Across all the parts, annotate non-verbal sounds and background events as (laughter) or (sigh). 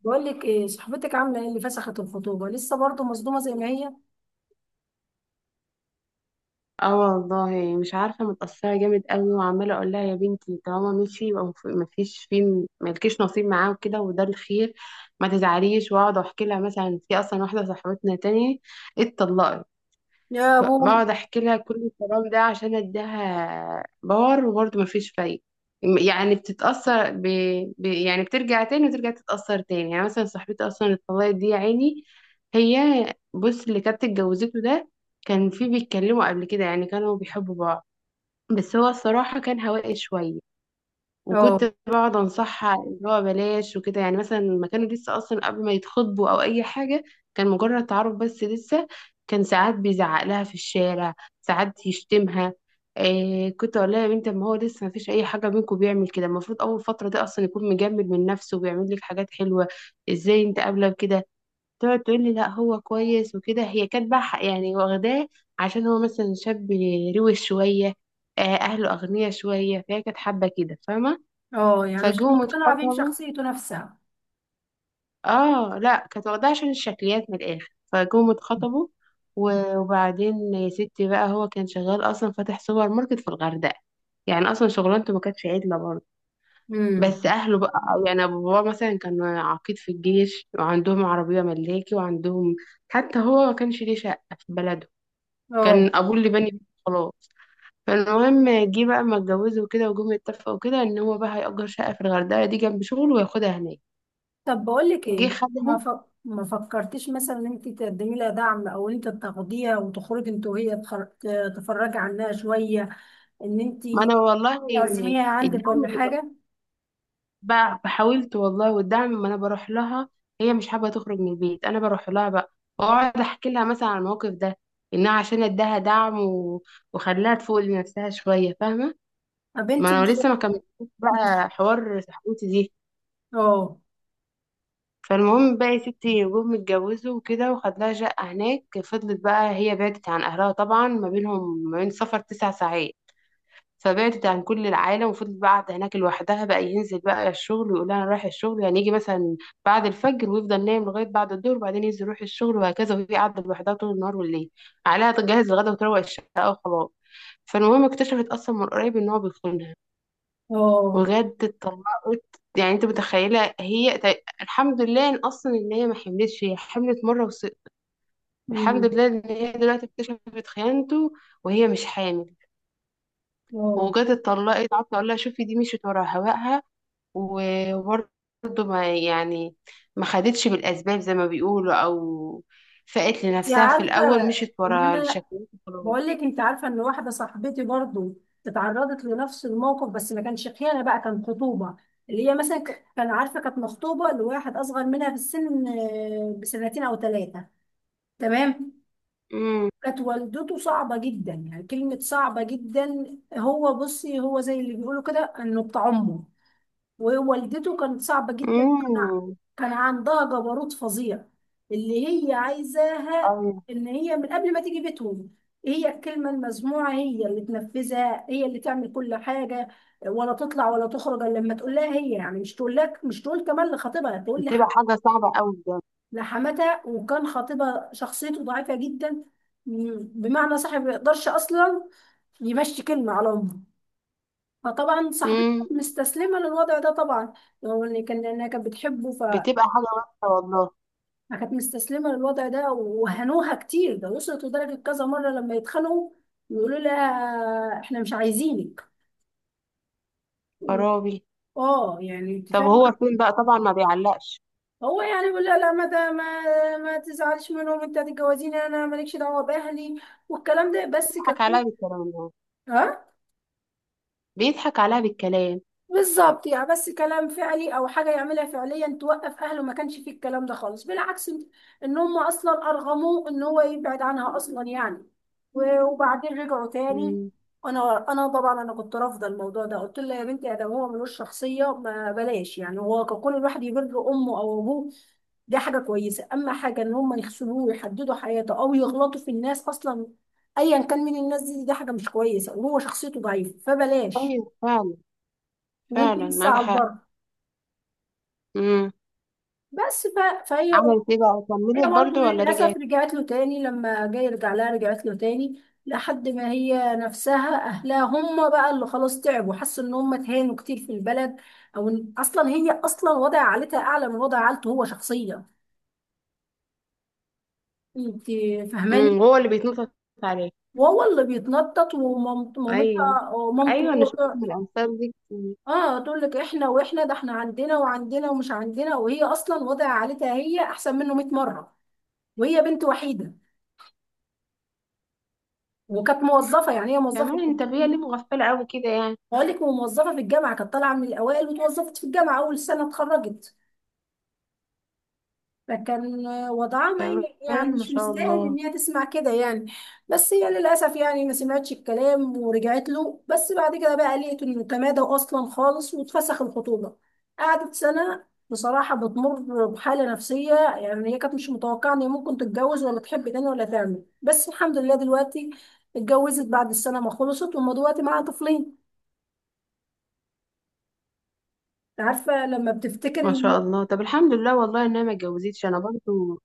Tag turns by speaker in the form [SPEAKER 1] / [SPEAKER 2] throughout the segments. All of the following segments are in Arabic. [SPEAKER 1] بقول لك ايه؟ صاحبتك عامله ايه؟ اللي فسخت الخطوبه لسه برضه مصدومه زي ما هي.
[SPEAKER 2] اه والله مش عارفة، متأثرة جامد قوي وعمالة اقول لها يا بنتي طالما مشي يبقى مفيش فيه، ملكيش نصيب معاه وكده، وده الخير. ما تزعليش. واقعد احكي لها مثلا في اصلا واحدة صاحبتنا تاني اتطلقت،
[SPEAKER 1] يا ابوي.
[SPEAKER 2] فبقعد احكي لها كل الكلام ده عشان اديها باور، وبرضه مفيش فايدة. يعني بتتأثر يعني بترجع تاني وترجع تتأثر تاني. يعني مثلا صاحبتي أصلا اللي اتطلقت دي، يا عيني، هي، بص، اللي كانت اتجوزته ده كان في بيتكلموا قبل كده، يعني كانوا بيحبوا بعض، بس هو الصراحة كان هوائي شوية. وكنت
[SPEAKER 1] اه.
[SPEAKER 2] بقعد انصحها اللي هو بلاش وكده، يعني مثلا ما كانوا لسه اصلا قبل ما يتخطبوا او اي حاجه، كان مجرد تعارف بس لسه. كان ساعات بيزعق لها في الشارع، ساعات يشتمها. إيه، كنت اقول لها يا بنت، ما هو لسه ما فيش اي حاجه بينكم بيعمل كده. المفروض اول فتره ده اصلا يكون مجمد من نفسه وبيعمل لك حاجات حلوه. ازاي انت قابله بكده؟ تقعد تقول لي لا هو كويس وكده. هي كانت بقى يعني واخداه، عشان هو مثلا شاب روش شويه، اهله اغنياء شويه، فهي كانت حابه كده، فاهمه؟
[SPEAKER 1] اه يعني مش
[SPEAKER 2] فجم
[SPEAKER 1] مقتنعه بيه،
[SPEAKER 2] اتخطبوا.
[SPEAKER 1] بشخصيته نفسها.
[SPEAKER 2] اه لا، كانت واخداها عشان الشكليات من الاخر، فجم اتخطبوا. وبعدين يا ستي بقى هو كان شغال اصلا فاتح سوبر ماركت في الغردقه، يعني اصلا شغلانته ما كانتش عدله برضه.
[SPEAKER 1] امم.
[SPEAKER 2] بس اهله بقى، يعني أبو بابا مثلا كان عقيد في الجيش، وعندهم عربيه ملاكي وعندهم، حتى هو ما كانش ليه شقه في بلده،
[SPEAKER 1] اه.
[SPEAKER 2] كان ابوه اللي بني بيته خلاص. فالمهم جه بقى ما اتجوزوا وكده، وجم يتفقوا كده ان هو بقى هيأجر شقه في الغردقه دي جنب شغله وياخدها هناك.
[SPEAKER 1] طب بقول لك ايه،
[SPEAKER 2] جه خدها.
[SPEAKER 1] ما ف... ما فكرتيش مثلا ان انت تقدمي لها دعم، او انت تاخديها وتخرجي انت وهي، تفرجي عنها شويه، ان انت
[SPEAKER 2] ما انا والله
[SPEAKER 1] تعزميها عندك
[SPEAKER 2] الدعم
[SPEAKER 1] ولا حاجه؟
[SPEAKER 2] حاولت والله، والدعم ما انا بروح لها. هي مش حابه تخرج من البيت، انا بروح لها بقى واقعد احكي لها مثلا عن الموقف ده، انها عشان اداها دعم وخلاها تفوق لنفسها شويه، فاهمه؟
[SPEAKER 1] ما بنتي
[SPEAKER 2] ما
[SPEAKER 1] مش
[SPEAKER 2] انا
[SPEAKER 1] (laughs)
[SPEAKER 2] لسه ما كملتش
[SPEAKER 1] مش-
[SPEAKER 2] بقى حوار صاحبتي دي.
[SPEAKER 1] اه.
[SPEAKER 2] فالمهم بقى يا ستي، جم اتجوزوا وكده وخد لها شقه هناك. فضلت بقى هي بعدت عن اهلها، طبعا ما بينهم ما بين سفر تسع ساعات، فبعدت عن كل العالم، وفضلت بقى قاعدة هناك لوحدها. بقى ينزل بقى الشغل ويقول انا رايح الشغل، يعني يجي مثلا بعد الفجر ويفضل نايم لغاية بعد الظهر، وبعدين ينزل يروح الشغل، وهكذا. وهي قاعدة لوحدها طول النهار والليل، عليها تجهز الغدا وتروق الشقة وخلاص. فالمهم اكتشفت اصلا من قريب ان هو بيخونها،
[SPEAKER 1] اه.
[SPEAKER 2] وجد اتطلقت. يعني انت متخيله هي، الحمد لله ان اصلا ان هي ما حملتش، هي حملت مره الحمد
[SPEAKER 1] أمم،
[SPEAKER 2] لله ان هي دلوقتي اكتشفت خيانته وهي مش حامل،
[SPEAKER 1] اه.
[SPEAKER 2] وجت اتطلقت. قعدت اقول لها شوفي دي مشيت ورا هواها، وبرضه ما، يعني ما خدتش بالأسباب زي ما بيقولوا، أو فقت
[SPEAKER 1] انت
[SPEAKER 2] لنفسها في
[SPEAKER 1] عارفه
[SPEAKER 2] الأول، مشيت
[SPEAKER 1] ان
[SPEAKER 2] ورا
[SPEAKER 1] انا
[SPEAKER 2] الشكوى وخلاص.
[SPEAKER 1] بقول لك، انت عارفه ان واحده صاحبتي برضو اتعرضت لنفس الموقف، بس ما كانش خيانه بقى، كان خطوبه. اللي هي مثلا كان عارفه، كانت مخطوبه لواحد اصغر منها في السن آه، بسنتين او ثلاثه. تمام.
[SPEAKER 2] امم.
[SPEAKER 1] كانت والدته صعبه جدا، يعني كلمه صعبه جدا، هو بصي هو زي اللي بيقولوا كده انه بتاع امه. ووالدته كانت صعبة جدا،
[SPEAKER 2] امم.
[SPEAKER 1] كان عندها جبروت فظيع. اللي هي عايزاها
[SPEAKER 2] أيوة.
[SPEAKER 1] ان هي من قبل ما تيجي بيتهم، هي الكلمة المسموعة، هي اللي تنفذها، هي اللي تعمل كل حاجة، ولا تطلع ولا تخرج الا لما تقول لها هي، يعني مش تقول لك، مش تقول كمان لخطيبها، تقول
[SPEAKER 2] بتبقى حاجة صعبة أوي بجد.
[SPEAKER 1] لحماتها. وكان خطيبها شخصيته ضعيفة جدا، بمعنى صاحب ما يقدرش اصلا يمشي كلمة على امه. فطبعا صاحبتي
[SPEAKER 2] امم.
[SPEAKER 1] كانت مستسلمة للوضع ده طبعا، لو ان كان لانها كانت بتحبه،
[SPEAKER 2] بتبقى
[SPEAKER 1] فكانت
[SPEAKER 2] حاجة وحشة والله.
[SPEAKER 1] مستسلمة للوضع ده. وهنوها كتير، ده وصلت لدرجة كذا مرة لما يتخانقوا يقولوا لها احنا مش عايزينك.
[SPEAKER 2] خرابي.
[SPEAKER 1] اه يعني انت
[SPEAKER 2] طب هو
[SPEAKER 1] فاهمة.
[SPEAKER 2] فين بقى؟ طبعا ما بيعلقش.
[SPEAKER 1] هو يعني بيقول لها لا ما ده ما ما تزعلش منهم، انت هتتجوزيني انا، مالكش دعوة باهلي، والكلام ده بس
[SPEAKER 2] بيضحك
[SPEAKER 1] ككو.
[SPEAKER 2] عليها بالكلام ده.
[SPEAKER 1] اه.
[SPEAKER 2] بيضحك عليها بالكلام.
[SPEAKER 1] بالظبط، يعني بس كلام فعلي، او حاجه يعملها فعليا توقف اهله، ما كانش فيه الكلام ده خالص، بالعكس، ان هم اصلا ارغموه ان هو يبعد عنها اصلا، يعني وبعدين رجعوا تاني.
[SPEAKER 2] امم.
[SPEAKER 1] انا انا طبعا انا كنت رافضه الموضوع ده، قلت لها يا بنتي، ادم هو ملوش شخصيه، ما بلاش يعني، هو كل الواحد يبر امه او ابوه، دي حاجه كويسه، اما حاجه ان هم يخسروه ويحددوا حياته، او يغلطوا في الناس اصلا ايا كان من الناس دي، دي حاجه مش كويسه، وهو شخصيته ضعيفه، فبلاش،
[SPEAKER 2] أيوة فعلا.
[SPEAKER 1] وانت
[SPEAKER 2] فعلا
[SPEAKER 1] لسه
[SPEAKER 2] معاكي
[SPEAKER 1] على
[SPEAKER 2] حق.
[SPEAKER 1] البر.
[SPEAKER 2] امم.
[SPEAKER 1] فهي،
[SPEAKER 2] عملت ايه بقى؟
[SPEAKER 1] هي
[SPEAKER 2] كملت
[SPEAKER 1] برضه
[SPEAKER 2] برضو ولا
[SPEAKER 1] للأسف
[SPEAKER 2] رجعت؟
[SPEAKER 1] رجعت له تاني، لما جاي يرجع لها رجعت له تاني، لحد ما هي نفسها أهلها هم بقى اللي خلاص تعبوا، حسوا إن هم اتهانوا كتير في البلد، أو إن أصلا هي أصلا وضع عائلتها أعلى من وضع عائلته هو شخصيا. أنت فاهماني؟
[SPEAKER 2] امم. هو اللي بيتنطط عليها.
[SPEAKER 1] وهو اللي بيتنطط،
[SPEAKER 2] ايوه
[SPEAKER 1] ومامتها ومامته
[SPEAKER 2] ايوه، انا
[SPEAKER 1] هو
[SPEAKER 2] شفت من الامثال دي.
[SPEAKER 1] اه تقول لك احنا، واحنا ده احنا عندنا وعندنا، ومش عندنا، وهي اصلا وضع عائلتها هي احسن منه 100 مره، وهي بنت وحيده، وكانت موظفه، يعني هي موظفه
[SPEAKER 2] كمان
[SPEAKER 1] في
[SPEAKER 2] انت بيه ليه مغفله قوي كده يعني؟
[SPEAKER 1] بقول لك موظفه في الجامعه، كانت طالعه من الاوائل، وتوظفت في الجامعه اول سنه اتخرجت. فكان وضعها ما ي- يعني
[SPEAKER 2] كمان ما
[SPEAKER 1] مش
[SPEAKER 2] شاء
[SPEAKER 1] مستاهل ان
[SPEAKER 2] الله.
[SPEAKER 1] هي تسمع كده يعني. بس هي للاسف يعني ما سمعتش الكلام ورجعت له، بس بعد كده بقى لقيت انه تمادى اصلا خالص، واتفسخ الخطوبه. قعدت سنه بصراحه بتمر بحاله نفسيه، يعني هي كانت مش متوقعه ان هي ممكن تتجوز، ولا تحب تاني، ولا تعمل، بس الحمد لله دلوقتي اتجوزت بعد السنه ما خلصت، وما دلوقتي معاها طفلين. عارفه لما بتفتكر
[SPEAKER 2] ما شاء الله. طب الحمد لله والله ان انا ما اتجوزتش انا برضو.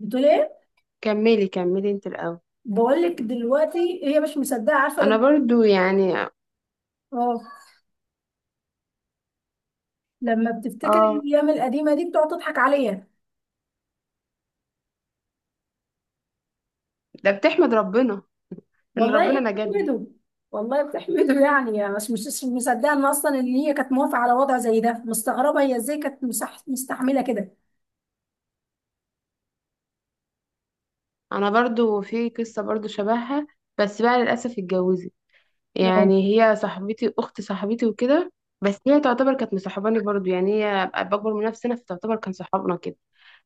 [SPEAKER 1] بتقول ايه؟
[SPEAKER 2] كملي كملي انت الاول.
[SPEAKER 1] بقول لك دلوقتي هي مش مصدقه، عارفه؟
[SPEAKER 2] انا
[SPEAKER 1] لما،
[SPEAKER 2] برضو يعني.
[SPEAKER 1] اه، لما بتفتكر
[SPEAKER 2] اه،
[SPEAKER 1] الايام القديمه دي بتقعد تضحك عليا.
[SPEAKER 2] ده بتحمد ربنا ان
[SPEAKER 1] والله
[SPEAKER 2] ربنا نجدها.
[SPEAKER 1] بتحمده، والله بتحمده يعني، يعني مش مصدقه ان اصلا ان هي كانت موافقه على وضع زي ده. مستغربه هي ازاي كانت مستحمله كده.
[SPEAKER 2] انا برضو في قصه برضو شبهها، بس بقى للاسف اتجوزت.
[SPEAKER 1] اه.
[SPEAKER 2] يعني هي صاحبتي، اخت صاحبتي وكده، بس هي تعتبر كانت مصاحباني برضو. يعني هي اكبر من نفسنا، فتعتبر كان صحابنا كده.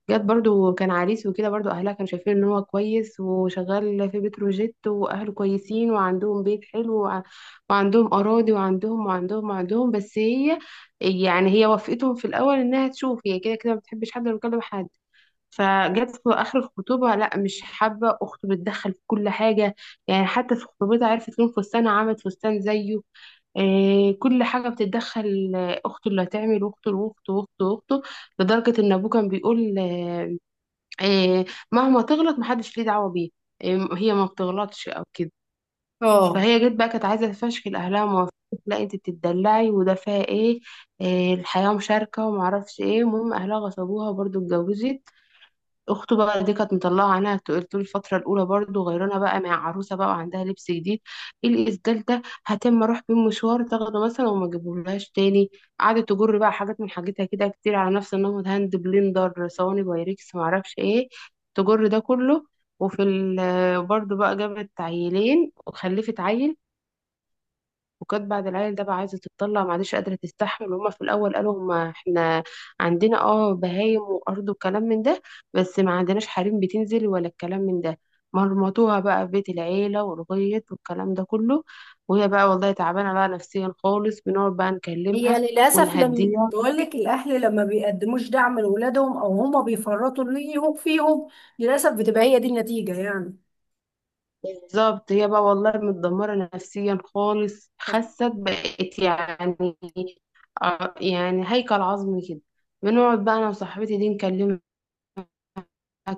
[SPEAKER 2] جت برضو كان عريس وكده، برضو اهلها كانوا شايفين ان هو كويس وشغال في بتروجيت، واهله كويسين وعندهم بيت حلو وعندهم اراضي وعندهم وعندهم وعندهم، بس هي يعني هي وافقتهم في الاول انها تشوف، هي كده كده ما بتحبش حد ولا بتكلم حد. فجت في اخر الخطوبه، لا مش حابه، اخته بتدخل في كل حاجه، يعني حتى في خطوبتها عرفت لون فستانها عملت فستان زيه، كل حاجة بتتدخل، أخته اللي هتعمل، أخته وأخته وأخته وأخته، لدرجة إن أبوه كان بيقول، آه، مهما تغلط محدش ليه دعوة بيه، هي ما بتغلطش او كده.
[SPEAKER 1] اه.
[SPEAKER 2] فهي جت بقى كانت عايزة تفشكل اهلها وما، لا انت بتتدلعي وده فيها ايه، الحياة مشاركة وما اعرفش ايه. المهم اهلها غصبوها، برضو اتجوزت. اخته بقى دي كانت مطلعه عينها طول، طول الفتره الاولى برضو، غيرنا بقى مع عروسه بقى وعندها لبس جديد، ايه الاسدال ده، هتم اروح بيه مشوار، تاخده مثلا وما اجيبهولهاش تاني، قعدت تجر بقى حاجات من حاجتها كده كتير على نفس النمط، هاند بلندر، صواني بايركس، معرفش ايه، تجر ده كله. وفي برضو بقى جابت عيلين وخلفت عيل، وكانت بعد العيل ده بقى عايزه تتطلع، معلش قادره تستحمل، وهما في الاول قالوا هما احنا عندنا اه بهايم وارض وكلام من ده، بس ما عندناش حريم بتنزل ولا الكلام من ده. مرمطوها بقى في بيت العيله والغيط والكلام ده كله، وهي بقى والله تعبانه بقى نفسيا خالص. بنقعد بقى
[SPEAKER 1] هي
[SPEAKER 2] نكلمها
[SPEAKER 1] للأسف، لما
[SPEAKER 2] ونهديها.
[SPEAKER 1] بقول لك الأهل لما بيقدموش دعم لأولادهم، أو هما بيفرطوا ليهم فيهم، للأسف بتبقى هي دي النتيجة يعني.
[SPEAKER 2] بالظبط، هي بقى والله متدمره نفسيا خالص، خست بقت يعني، يعني هيكل عظمي كده. بنقعد بقى انا وصاحبتي دي نكلمها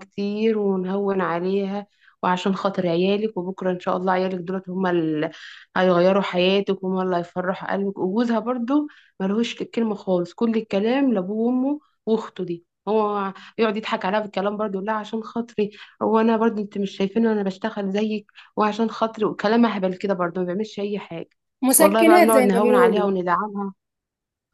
[SPEAKER 2] كتير ونهون عليها، وعشان خاطر عيالك، وبكرة إن شاء الله عيالك دولت هما اللي هيغيروا حياتك، وهما اللي هيفرحوا قلبك. وجوزها برضو ملهوش الكلمة خالص، كل الكلام لأبوه وأمه وأخته دي، هو يقعد يضحك عليها بالكلام برضو، لا عشان خاطري، هو انا برضو، انت مش شايفين انا بشتغل زيك، وعشان خاطري، وكلام اهبل كده، برضو ما بيعملش اي حاجه. والله بقى
[SPEAKER 1] مسكنات
[SPEAKER 2] بنقعد
[SPEAKER 1] زي ما
[SPEAKER 2] نهون عليها
[SPEAKER 1] بيقولوا.
[SPEAKER 2] وندعمها.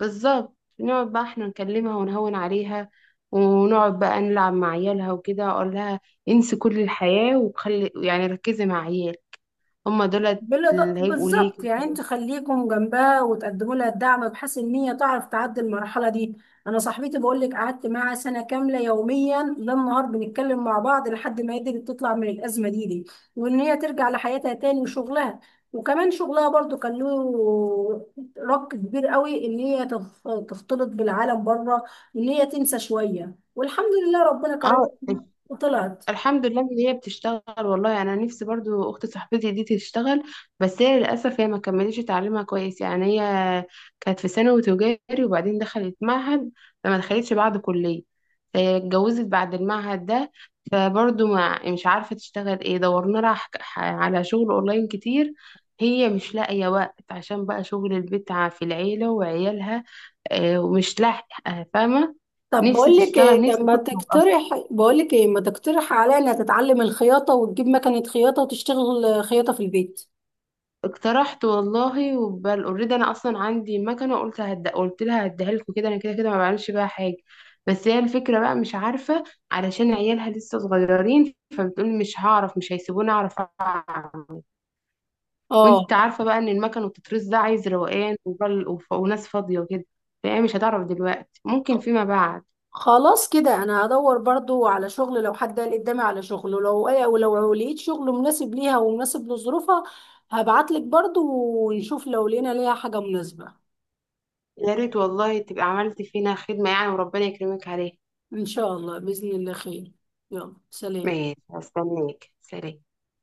[SPEAKER 2] بالظبط، نقعد بقى احنا نكلمها ونهون عليها، ونقعد بقى نلعب مع عيالها وكده، اقول لها انسي كل الحياة، وخلي يعني ركزي مع عيال، هما دولت اللي هيبقوا ليك.
[SPEAKER 1] بالظبط، يعني انتوا خليكم جنبها، وتقدموا لها الدعم، بحيث ان هي تعرف تعدي المرحله دي. انا صاحبتي بقول لك قعدت معاها سنه كامله، يوميا ليل نهار بنتكلم مع بعض، لحد ما قدرت تطلع من الازمه دي، وان هي ترجع لحياتها تاني وشغلها. وكمان شغلها برضو كان له رق كبير قوي، ان هي تختلط بالعالم بره، ان هي تنسى شويه. والحمد لله ربنا كرمها
[SPEAKER 2] اه
[SPEAKER 1] وطلعت.
[SPEAKER 2] الحمد لله ان هي بتشتغل والله، يعني انا نفسي برضو اخت صاحبتي دي تشتغل، بس هي للاسف هي ما كملتش تعليمها كويس، يعني هي كانت في ثانوي تجاري، وبعدين دخلت معهد، فما دخلتش بعد كليه، هي اتجوزت بعد المعهد ده. فبرضو ما مش عارفه تشتغل ايه، دورنا لها على شغل اونلاين كتير، هي مش لاقيه وقت عشان بقى شغل البيت في العيله وعيالها، ومش لاحقه، فاهمه؟
[SPEAKER 1] طب
[SPEAKER 2] نفسي
[SPEAKER 1] بقول لك
[SPEAKER 2] تشتغل،
[SPEAKER 1] ايه، طب
[SPEAKER 2] نفسي
[SPEAKER 1] ما
[SPEAKER 2] تخرج.
[SPEAKER 1] تقترح، بقول لك ايه، ما تقترح عليا انها تتعلم الخياطه، وتجيب مكنه خياطه، وتشتغل آه، خياطه في البيت.
[SPEAKER 2] اقترحت والله وبل اوريدي، انا اصلا عندي مكنه، قلت قلت لها هديها لكم كده، انا كده كده ما بعملش بيها حاجه. بس هي الفكره بقى مش عارفه، علشان عيالها لسه صغيرين، فبتقول مش هعرف، مش هيسيبوني اعرف اعمل. وانت
[SPEAKER 1] اه
[SPEAKER 2] عارفه بقى ان المكن وتترس ده عايز روقان وناس فاضيه وكده، فهي مش هتعرف دلوقتي، ممكن فيما بعد.
[SPEAKER 1] خلاص كده، انا هدور برضو على شغل، لو حد قال قدامي على شغل، ولو ولو لقيت شغل مناسب ليها ومناسب لظروفها هبعت لك برضو، ونشوف لو لقينا ليها حاجه مناسبه.
[SPEAKER 2] يا ريت والله تبقى عملت فينا خدمه يعني، وربنا يكرمك عليها.
[SPEAKER 1] ان شاء الله، باذن الله خير. يلا سلام.
[SPEAKER 2] ماشي، هستناك، سلام.